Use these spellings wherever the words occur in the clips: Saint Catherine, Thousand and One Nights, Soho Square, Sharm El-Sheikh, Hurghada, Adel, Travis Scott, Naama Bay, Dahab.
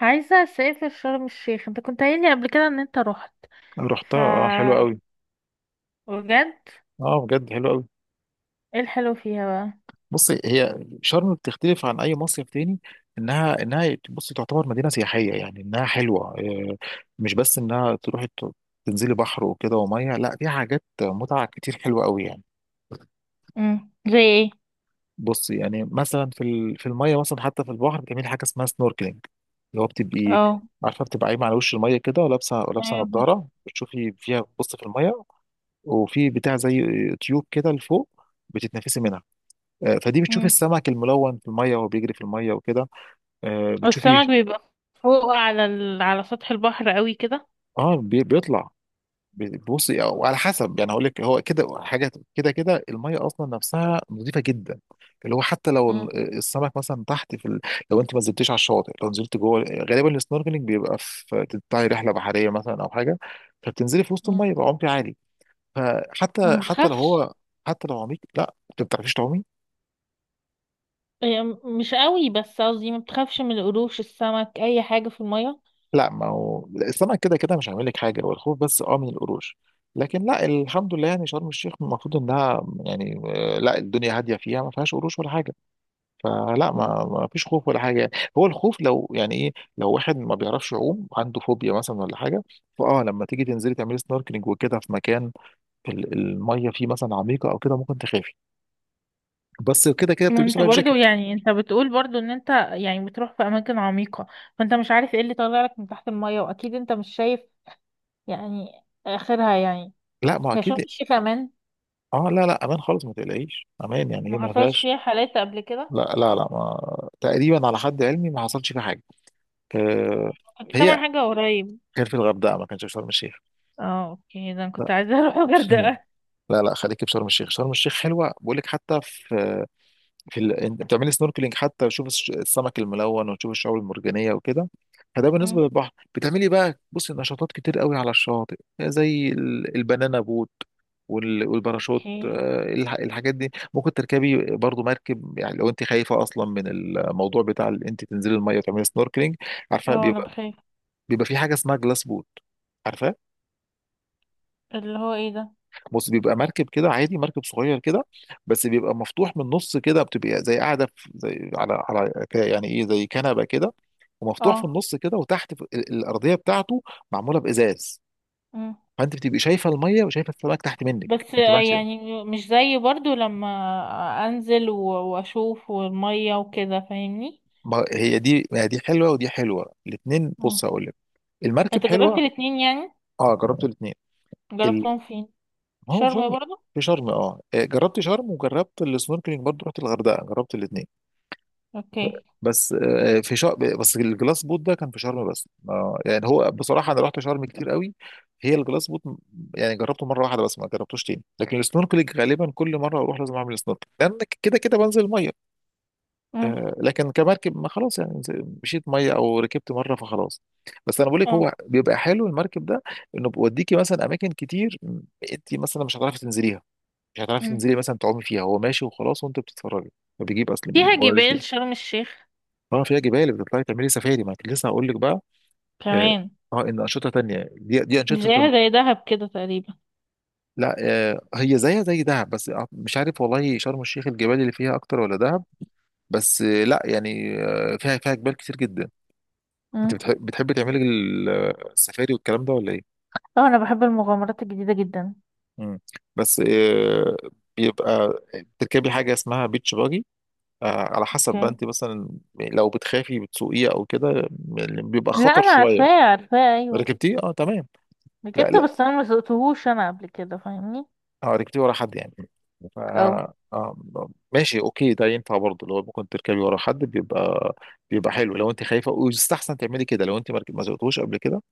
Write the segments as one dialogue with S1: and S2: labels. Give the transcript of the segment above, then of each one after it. S1: عايزة اسافر شرم الشيخ، انت كنت قايل لي قبل كده ان انت رحت. ف؟
S2: رحتها، اه حلوة قوي.
S1: بجد؟
S2: اه بجد حلوة قوي.
S1: ايه الحلو فيها بقى؟
S2: بصي، هي شرم بتختلف عن اي مصيف تاني. انها بصي تعتبر مدينة سياحية، يعني انها حلوة. مش بس انها تروحي تنزلي بحر وكده ومية، لا فيها حاجات متعة كتير حلوة قوي يعني.
S1: زي ايه؟
S2: بصي، يعني مثلا في المية مثلا، حتى في البحر بتعملي حاجة اسمها سنوركلينج، اللي هو بتبقي،
S1: اه.
S2: عارفة، بتبقى قايمة على وش المية كده، ولابسة
S1: ايوه.
S2: نضارة بتشوفي فيها، بتبصي في المية. وفي بتاع زي تيوب كده لفوق بتتنفسي منها. فدي بتشوفي
S1: امم.
S2: السمك الملون في الميه وهو بيجري في الميه وكده. آه، بتشوفي
S1: السمك بيبقى فوق على سطح البحر قوي كده؟
S2: بيطلع. بصي، وعلى حسب، يعني هقول لك هو كده حاجه كده كده. الميه اصلا نفسها نظيفه جدا، اللي هو حتى لو
S1: مم.
S2: السمك مثلا تحت في ال... لو انت ما نزلتيش على الشاطئ، لو نزلت جوه، غالبا السنوركلينج بيبقى في، تطلعي رحله بحريه مثلا او حاجه، فبتنزلي في وسط الميه
S1: مم.
S2: بعمق عالي. فحتى
S1: ما
S2: حتى لو
S1: بتخافش؟
S2: هو، حتى لو عميق، لا انت ما بتعرفيش تعومي.
S1: هي مش قوي، بس قصدي ما بتخافش من القروش، السمك، اي حاجة في المية؟
S2: لا، ما هو السمك كده كده مش هعمل لك حاجه، والخوف بس اه من القروش. لكن لا، الحمد لله، يعني شرم الشيخ المفروض انها يعني، لا، الدنيا هاديه، فيها ما فيهاش قروش ولا حاجه. فلا،
S1: مم.
S2: ما فيش خوف ولا حاجه يعني. هو الخوف لو يعني ايه، لو واحد ما بيعرفش يعوم عنده فوبيا مثلا ولا حاجه، فاه لما تيجي تنزلي تعملي سنوركلينج وكده في مكان الميه فيه مثلا عميقه او كده، ممكن تخافي. بس كده كده
S1: ما
S2: بتلبسي
S1: انت
S2: لايف
S1: برضو
S2: جاكيت.
S1: يعني انت بتقول برضو ان انت يعني بتروح في اماكن عميقة، فانت مش عارف ايه اللي طالع لك من تحت المية، واكيد انت مش شايف يعني آخرها يعني.
S2: لا ما
S1: هي شرم
S2: اكيد.
S1: الشيخ كمان؟
S2: اه لا لا، امان خالص، ما تقلقيش، امان يعني، هي
S1: ما
S2: ما
S1: حصلش
S2: فيهاش.
S1: فيها حالات قبل كده؟
S2: لا ما، تقريبا على حد علمي ما حصلش فيه حاجه. أه.
S1: كنت
S2: هي
S1: سامعة حاجة قريب.
S2: كان في الغردقه، ما كانش في شرم الشيخ.
S1: اه اوكي، ده انا
S2: لا
S1: كنت عايزة اروح الغردقة.
S2: لا خليك في شرم الشيخ، شرم الشيخ حلوه، بقول لك. حتى في، في ال... انت بتعملي سنوركلينج حتى تشوف السمك الملون وتشوف الشعاب المرجانيه وكده. فده بالنسبه
S1: أمم.
S2: للبحر. بتعملي بقى، بصي، نشاطات كتير قوي على الشاطئ، زي البنانا بوت والباراشوت.
S1: اوكي.
S2: الحاجات دي ممكن تركبي برضو مركب، يعني لو انت خايفه اصلا من الموضوع بتاع انت تنزلي الميه وتعملي سنوركلينج. عارفه،
S1: اه انا
S2: بيبقى،
S1: بخاف.
S2: بيبقى في حاجه اسمها جلاس بوت، عارفه.
S1: اللي هو ايه ده؟
S2: بص، بيبقى مركب كده عادي، مركب صغير كده، بس بيبقى مفتوح من النص كده. بتبقى زي قاعده في زي على يعني ايه زي كنبه كده، ومفتوح في
S1: اه.
S2: النص كده، وتحت في الارضيه بتاعته معموله بازاز.
S1: أمم.
S2: فانت بتبقى شايفه الميه وشايفه السمك تحت منك
S1: بس
S2: انت ماشيه.
S1: يعني مش زي برضو لما انزل و- واشوف والمية وكده، فاهمني؟
S2: ما هي دي حلوه، ودي حلوه، الاثنين.
S1: أمم.
S2: بص هقول لك، المركب
S1: انت جربت
S2: حلوه.
S1: الاتنين يعني؟
S2: اه، جربت الاثنين. ال...
S1: جربتهم فين؟
S2: ما هو في
S1: شرم
S2: شرم،
S1: برضو؟
S2: في شرم. اه جربت شرم، وجربت السنوركلينج برضه رحت الغردقه، جربت الاثنين.
S1: اوكي.
S2: بس آه، في شرم، بس الجلاس بوت ده كان في شرم بس. يعني هو بصراحة أنا رحت شرم كتير قوي. هي الجلاس بوت م-، يعني جربته مرة واحدة بس، ما جربتوش تاني. لكن السنوركلينج غالبا كل مرة أروح لازم أعمل سنوركلينج، لأن كده كده بنزل المية.
S1: أمم.
S2: لكن كمركب، ما خلاص يعني، نز- مشيت مية أو ركبت مرة فخلاص. بس أنا بقول لك، هو
S1: اه.
S2: بيبقى حلو المركب ده، إنه بيوديكي مثلا أماكن كتير م-، أنت مثلا مش هتعرفي تنزليها، مش هتعرفي
S1: أمم.
S2: تنزلي مثلا تعومي فيها، هو ماشي وخلاص وأنت بتتفرجي. فبيجيب، أصل بيجيب.
S1: فيها جبال شرم الشيخ؟
S2: اه فيها جبال، بتطلعي تعملي سفاري، ما كنت لسه هقول لك بقى. اه
S1: كمان؟
S2: ان انشطه تانية، دي انشطه.
S1: زيها زي دهب كده تقريبا؟
S2: لا، آه هي زيها زي دهب، بس آه، مش عارف والله شرم الشيخ الجبال اللي فيها اكتر ولا دهب. بس آه لا يعني آه، فيها جبال كتير جدا. انت
S1: مم.
S2: بتحبي تعملي السفاري والكلام ده ولا ايه؟
S1: اه انا بحب المغامرات الجديده جدا.
S2: مم. بس آه، بيبقى، بتركبي حاجه اسمها بيتش باجي. آه، على حسب
S1: اوكي.
S2: بقى انت مثلا لو بتخافي بتسوقيه او كده، بيبقى
S1: لا
S2: خطر
S1: انا
S2: شويه.
S1: عارفاه عارفاه، ايوه.
S2: ركبتيه، اه تمام. لا
S1: ركبته
S2: لا،
S1: بس انا ما سوقتهوش انا قبل كده، فاهمني؟
S2: اه ركبتيه ورا حد يعني. ف،
S1: اه.
S2: آم، ماشي، اوكي، ده ينفع برضه لو ممكن تركبي ورا حد، بيبقى، بيبقى حلو لو انت خايفه، ويستحسن تعملي كده لو انت ما رك- ما سوقتوش قبل كده.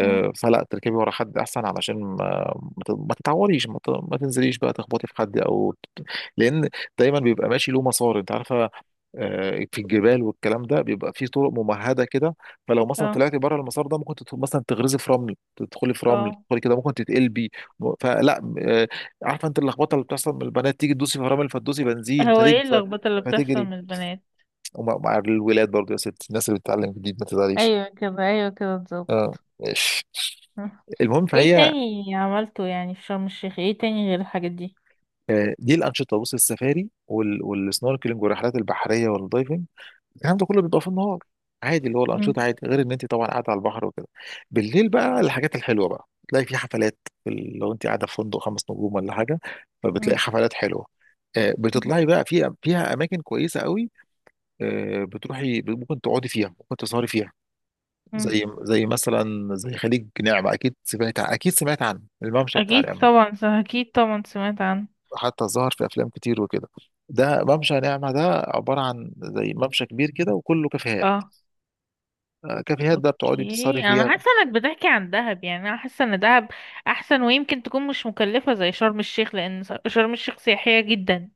S1: مم.
S2: فلا تركبي ورا حد احسن، علشان ما تتعوريش، ما تنزليش بقى تخبطي في حد او ت-، لان دايما بيبقى ماشي له مسار، انت عارفه، في الجبال والكلام ده بيبقى في طرق ممهده كده، فلو مثلا
S1: اه.
S2: طلعتي بره المسار ده ممكن تت- مثلا تغرزي في رمل، تدخلي في رمل
S1: اه.
S2: تدخلي كده ممكن تتقلبي. م- فلا آه، عارفه انت اللخبطه اللي بتحصل من البنات، تيجي تدوسي في رمل فتدوسي بنزين
S1: هو
S2: فتجري،
S1: ايه اللخبطة اللي بتحصل
S2: فتجري.
S1: من البنات؟
S2: ومع الولاد برضه، يا ست الناس اللي بتتعلم جديد ما تزعليش.
S1: ايوه كده، ايوه كده بالظبط.
S2: اه ماشي.
S1: مم.
S2: المهم،
S1: ايه
S2: فهي،
S1: تاني عملته يعني في شرم الشيخ؟ ايه تاني غير الحاجات دي؟
S2: دي الانشطه، بص، السفاري والسنوركلينج والرحلات البحريه والدايفنج، الكلام ده كله بيبقى في النهار عادي. اللي هو الانشطه
S1: مم.
S2: عادي، غير ان انت طبعا قاعده على البحر وكده. بالليل بقى الحاجات الحلوه بقى، تلاقي في حفلات، لو انت قاعده في فندق خمس نجوم ولا حاجه، فبتلاقي
S1: مم.
S2: حفلات حلوه.
S1: مم.
S2: بتطلعي بقى فيها، فيها اماكن كويسه قوي. بتروحي، ممكن تقعدي فيها، ممكن تسهري فيها.
S1: مم.
S2: زي مثلا زي خليج نعمه، اكيد سمعت عن الممشى بتاع نعمه،
S1: اكيد طبعا سمعت عنه.
S2: حتى ظهر في افلام كتير وكده. ده ممشى نعمة ده، عبارة عن زي ممشى كبير كده وكله كافيهات.
S1: اه.
S2: كافيهات بقى بتقعدي تسهري
S1: اوكي، انا
S2: فيها.
S1: حاسه انك بتحكي عن دهب، يعني انا حاسه ان دهب احسن، ويمكن تكون مش مكلفه زي شرم الشيخ، لان شرم الشيخ سياحيه جدا.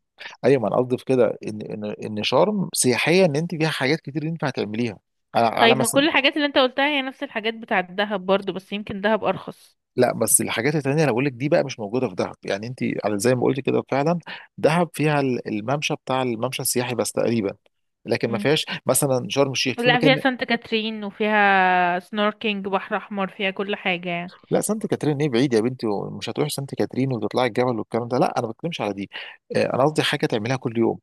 S2: ايوه، ما انا قصدي في كده ان شرم سياحية، ان انت فيها حاجات كتير ينفع تعمليها، على
S1: طيب ما
S2: مثلا.
S1: كل الحاجات اللي انت قلتها هي نفس الحاجات بتاعه دهب برضو، بس يمكن دهب ارخص.
S2: لا، بس الحاجات التانية اللي بقول لك دي بقى مش موجودة في دهب، يعني انت على زي ما قلت كده فعلا، دهب فيها الممشى، بتاع الممشى السياحي بس تقريبا، لكن ما
S1: امم.
S2: فيهاش مثلا شرم الشيخ، في
S1: لا فيها
S2: مكان.
S1: سانت كاترين، وفيها سنوركينج، بحر احمر، فيها كل حاجه يعني.
S2: لا، سانت كاترين ايه بعيد يا بنتي، ومش هتروحي سانت كاترين وتطلعي الجبل والكلام ده، لا انا ما بتكلمش على دي. انا قصدي حاجه تعملها كل يوم.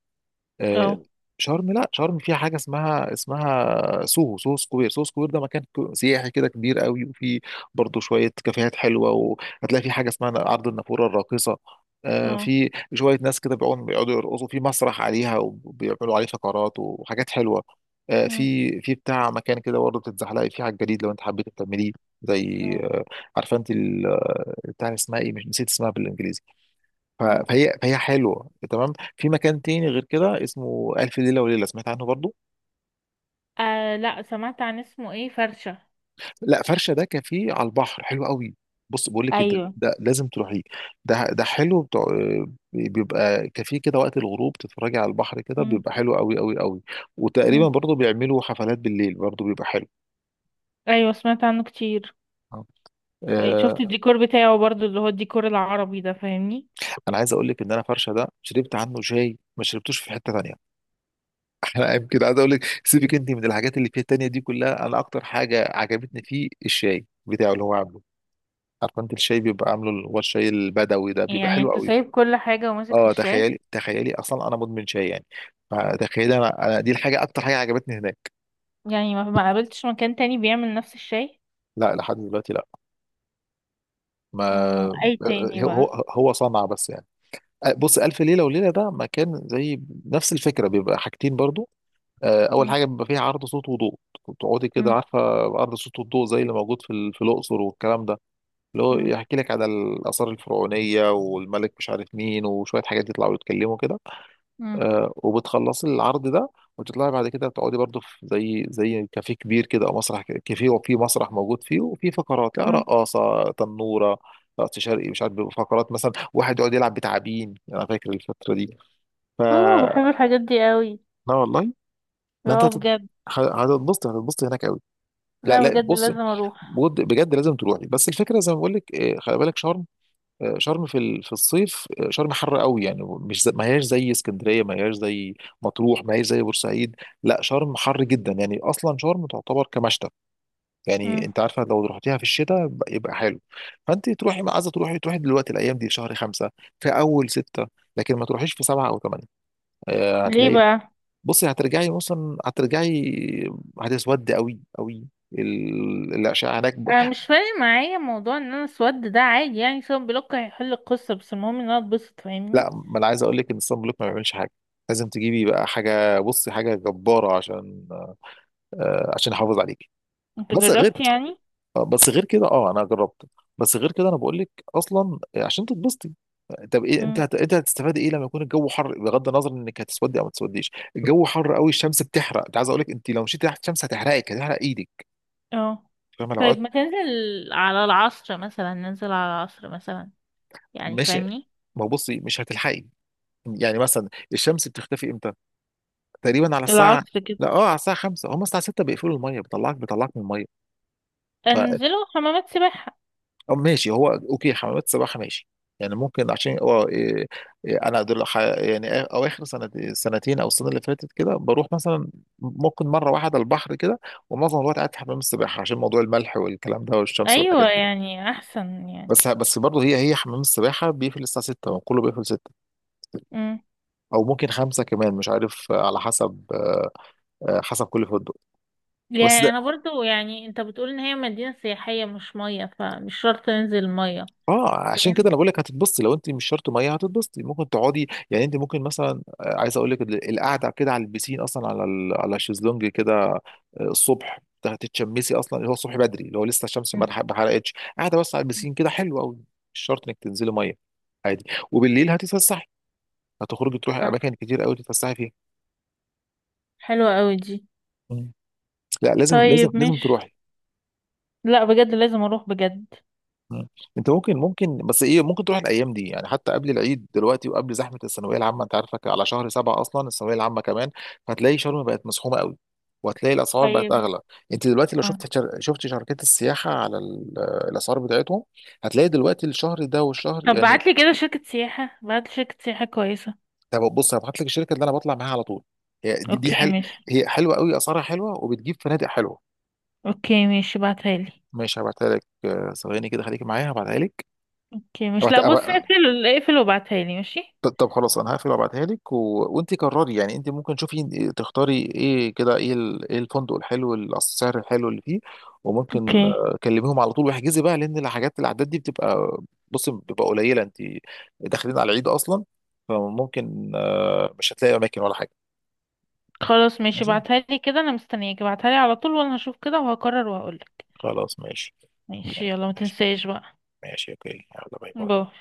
S2: آه،
S1: اه.
S2: شرم، لا شرم فيها حاجه اسمها سوهو سكوير سوهو سكوير ده، مكان كو- سياحي كده، كبير قوي، وفي برضه شويه كافيهات حلوه. وهتلاقي في حاجه اسمها عرض النافوره الراقصه،
S1: اه.
S2: في شويه ناس كده بيقعدوا يرقصوا في مسرح عليها، وبيعملوا عليه فقرات وحاجات حلوه.
S1: امم.
S2: في بتاع مكان كده برضه بتتزحلقي فيه على الجليد لو انت حبيت تعمليه، زي،
S1: اه.
S2: عارفه انت ال- بتاع، اسمها ايه، مش نسيت اسمها بالانجليزي. ف-،
S1: امم.
S2: فهي حلوه تمام. في مكان تاني غير كده اسمه الف ليله وليله، سمعت عنه برضو.
S1: آه لا، سمعت عن اسمه ايه، فرشه؟
S2: لا، فرشه ده كافيه على البحر حلو قوي. بص بقول لك إيه، ده,
S1: ايوه.
S2: ده لازم تروحيه، ده حلو بتاع، بيبقى كافيه كده، وقت الغروب تتفرجي على البحر كده،
S1: امم.
S2: بيبقى حلو قوي قوي قوي. وتقريبا
S1: امم.
S2: برضو بيعملوا حفلات بالليل برضو، بيبقى حلو.
S1: ايوه سمعت عنه كتير. أي شفت
S2: آه،
S1: الديكور بتاعه برضو، اللي هو الديكور العربي ده، فاهمني؟
S2: انا عايز اقول لك ان انا فرشه ده، شربت عنه شاي ما شربتوش في حته تانيه. انا يمكن عايز اقول لك سيبك انت من الحاجات اللي فيها التانية دي كلها، انا اكتر حاجه عجبتني فيه الشاي بتاعه، اللي هو عامله، عارفه انت الشاي، بيبقى عامله اللي هو الشاي البدوي ده، بيبقى
S1: يعني
S2: حلو
S1: انت
S2: قوي.
S1: سايب كل حاجة وماسك في
S2: اه،
S1: الشاي؟
S2: تخيلي، تخيلي اصلا انا مدمن شاي يعني، فتخيلي، انا دي الحاجه، اكتر حاجه عجبتني هناك.
S1: يعني ما قابلتش مكان تاني بيعمل نفس الشاي؟
S2: لا، لحد دلوقتي لا.
S1: مم.
S2: ما،
S1: اي تاني
S2: هو
S1: بقى؟
S2: هو هو صنع بس يعني. بص، الف ليله وليله ده مكان زي نفس الفكره، بيبقى حاجتين برضو. اول
S1: مم.
S2: حاجه بيبقى فيها عرض صوت وضوء، تقعدي كده
S1: مم.
S2: عارفه، عرض صوت وضوء زي اللي موجود في في الاقصر والكلام ده، اللي هو
S1: مم.
S2: يحكي لك على الآثار الفرعونية والملك مش عارف مين، وشوية حاجات يطلعوا يتكلموا كده.
S1: مم.
S2: وبتخلصي العرض ده، وتطلعي بعد كده تقعدي برضو في زي كافيه كبير كده، او مسرح كافيه، وفي مسرح موجود فيه، وفي فقرات، يعني
S1: مم.
S2: رقاصة تنورة، رقص شرقي، مش عارف، فقرات مثلا واحد يقعد يلعب بتعابين، انا فاكر الفترة دي. ف،
S1: اوه بحب الحاجات دي قوي.
S2: لا والله، لا انت
S1: اه
S2: هتت-،
S1: بجد.
S2: هتتبسطي هناك قوي. لا
S1: لا
S2: لا،
S1: بجد
S2: بص،
S1: لازم اروح.
S2: بجد بجد لازم تروحي. بس الفكره زي ما بقول لك، خلي بالك، شرم، شرم في الصيف، شرم حر قوي، يعني مش زي ما هياش زي اسكندريه، ما هياش زي مطروح، ما هياش زي بورسعيد. لا شرم حر جدا يعني، اصلا شرم تعتبر كمشتى، يعني
S1: مم.
S2: انت عارفه لو رحتيها في الشتاء ب- يبقى حلو. فانت تروحي، ما عايزه تروحي، تروحي دلوقتي، الايام دي في شهر خمسه، في اول سته، لكن ما تروحيش في سبعه او ثمانيه.
S1: ليه
S2: هتلاقي،
S1: بقى؟
S2: بصي، هترجعي مثلا، هترجعي هتسودي قوي قوي، الاشعه هناك.
S1: انا مش فارق معايا موضوع ان انا اسود ده، عادي يعني، سواء بلوك هيحل القصة، بس المهم ان انا اتبسط،
S2: لا،
S1: فاهمني؟
S2: ما انا عايز اقول لك ان الصن بلوك ما بيعملش حاجه، لازم تجيبي بقى حاجه، بصي حاجه جباره، عشان، آه، عشان يحافظ عليكي.
S1: انت
S2: بس
S1: جربت
S2: غير،
S1: يعني؟
S2: بس غير كده اه انا جربت. بس غير كده انا بقول لك اصلا، عشان تتبسطي. طب ايه انت هت...، انت هتستفاد ايه لما يكون الجو حر، بغض النظر انك هتسودي او ما تسوديش، الجو حر قوي، الشمس بتحرق، انت عايز اقول لك انت لو مشيتي تحت الشمس هتحرقك، هتحرق ايدك،
S1: اه.
S2: فاهمه، لو
S1: طيب
S2: قعدت،
S1: ما تنزل على العصر مثلا، ننزل على العصر مثلا، يعني
S2: ماشي
S1: فاهمني؟
S2: ما بصي مش هتلحقي، يعني مثلا الشمس بتختفي امتى، تقريبا على الساعه،
S1: العصر كده؟
S2: لا اه، على الساعه 5 هم الساعه 6 بيقفلوا الميه، بيطلعك من الميه. ف،
S1: انزلوا حمامات سباحة.
S2: أو ماشي، هو اوكي حمامات السباحه ماشي، يعني ممكن عشان اه إيه، إيه، انا دول ح- يعني آ- او اخر سنة سنتين او السنه اللي فاتت كده بروح مثلا ممكن مره واحده البحر كده، ومعظم الوقت قاعد في حمام السباحه عشان موضوع الملح والكلام ده والشمس والحاجات
S1: ايوه
S2: دي.
S1: يعني احسن يعني.
S2: بس برضه، هي حمام السباحه بيقفل الساعه 6، وكله بيقفل 6،
S1: امم.
S2: او ممكن 5 كمان مش عارف، على حسب، حسب كل فندق. بس
S1: يعني انا برضو، يعني انت بتقول ان هي مدينة سياحية مش مية، فمش شرط ننزل مية.
S2: اه عشان كده
S1: فاهم.
S2: انا بقول لك هتتبسطي، لو انت مش شرط ميه هتتبسطي، ممكن تقعدي، يعني انت ممكن مثلا، عايز اقول لك القعده كده على البسين، اصلا على على الشезлونج كده. الصبح هتتشمسي، اصلا اللي هو الصبح بدري اللي هو لسه الشمس ما
S1: مم.
S2: اتح- ما حرقتش، قاعده بس على البسين كده، حلو قوي، مش شرط انك تنزلي ميه، عادي. وبالليل هتتفسحي، هتخرجي تروحي
S1: اه،
S2: اماكن كتير قوي تتفسحي فيها.
S1: حلوة قوي دي.
S2: مم. لا لازم لازم
S1: طيب
S2: لازم
S1: مش.
S2: تروحي.
S1: لا بجد لازم اروح بجد.
S2: مم. انت ممكن، ممكن بس ايه ممكن تروح الايام دي يعني، حتى قبل العيد دلوقتي، وقبل زحمه الثانويه العامه، انت عارفك على شهر سبعه اصلا الثانويه العامه كمان، فهتلاقي شرم بقت مزحومه قوي، وهتلاقي الاسعار بقت
S1: طيب.
S2: اغلى. انت دلوقتي لو
S1: اه.
S2: شفت شر...، شفت شركات السياحه على الاسعار بتاعتهم، هتلاقي دلوقتي الشهر ده والشهر،
S1: طب
S2: يعني.
S1: بعتلي كده شركة سياحة، بعتلي شركة سياحة كويسة.
S2: طب بص، هبعت لك الشركه اللي انا بطلع معاها على طول، هي دي
S1: اوكي
S2: حل...،
S1: ماشي.
S2: هي حلوه قوي، اسعارها حلوه، وبتجيب فنادق حلوه.
S1: اوكي ماشي، بعتها لي.
S2: ماشي هبعتها لك، ثواني كده خليك معايا هبعتها
S1: اوكي مش،
S2: لك.
S1: لا بص، اقفل اقفل وابعتها لي، ماشي؟
S2: ط- طب خلاص، انا هقفل وابعتها لك و...، وانت قرري يعني، انت ممكن تشوفي تختاري ايه كده، ايه ال...، ايه الفندق الحلو، السعر الحلو اللي فيه. وممكن،
S1: اوكي.
S2: كلميهم على طول واحجزي بقى، لان الحاجات الاعداد دي بتبقى، بصي بتبقى قليله، انت داخلين على العيد اصلا، فممكن، مش هتلاقي اماكن ولا حاجه.
S1: خلاص ماشي،
S2: ماشي،
S1: ابعتها لي كده، انا مستنياك، ابعتها لي على طول، وانا هشوف كده وهقرر وهقولك.
S2: خلاص ماشي،
S1: ماشي،
S2: يعني
S1: يلا ما
S2: ماشي.
S1: تنساش بقى.
S2: ماشي اوكي، يلا، باي
S1: باي.
S2: باي.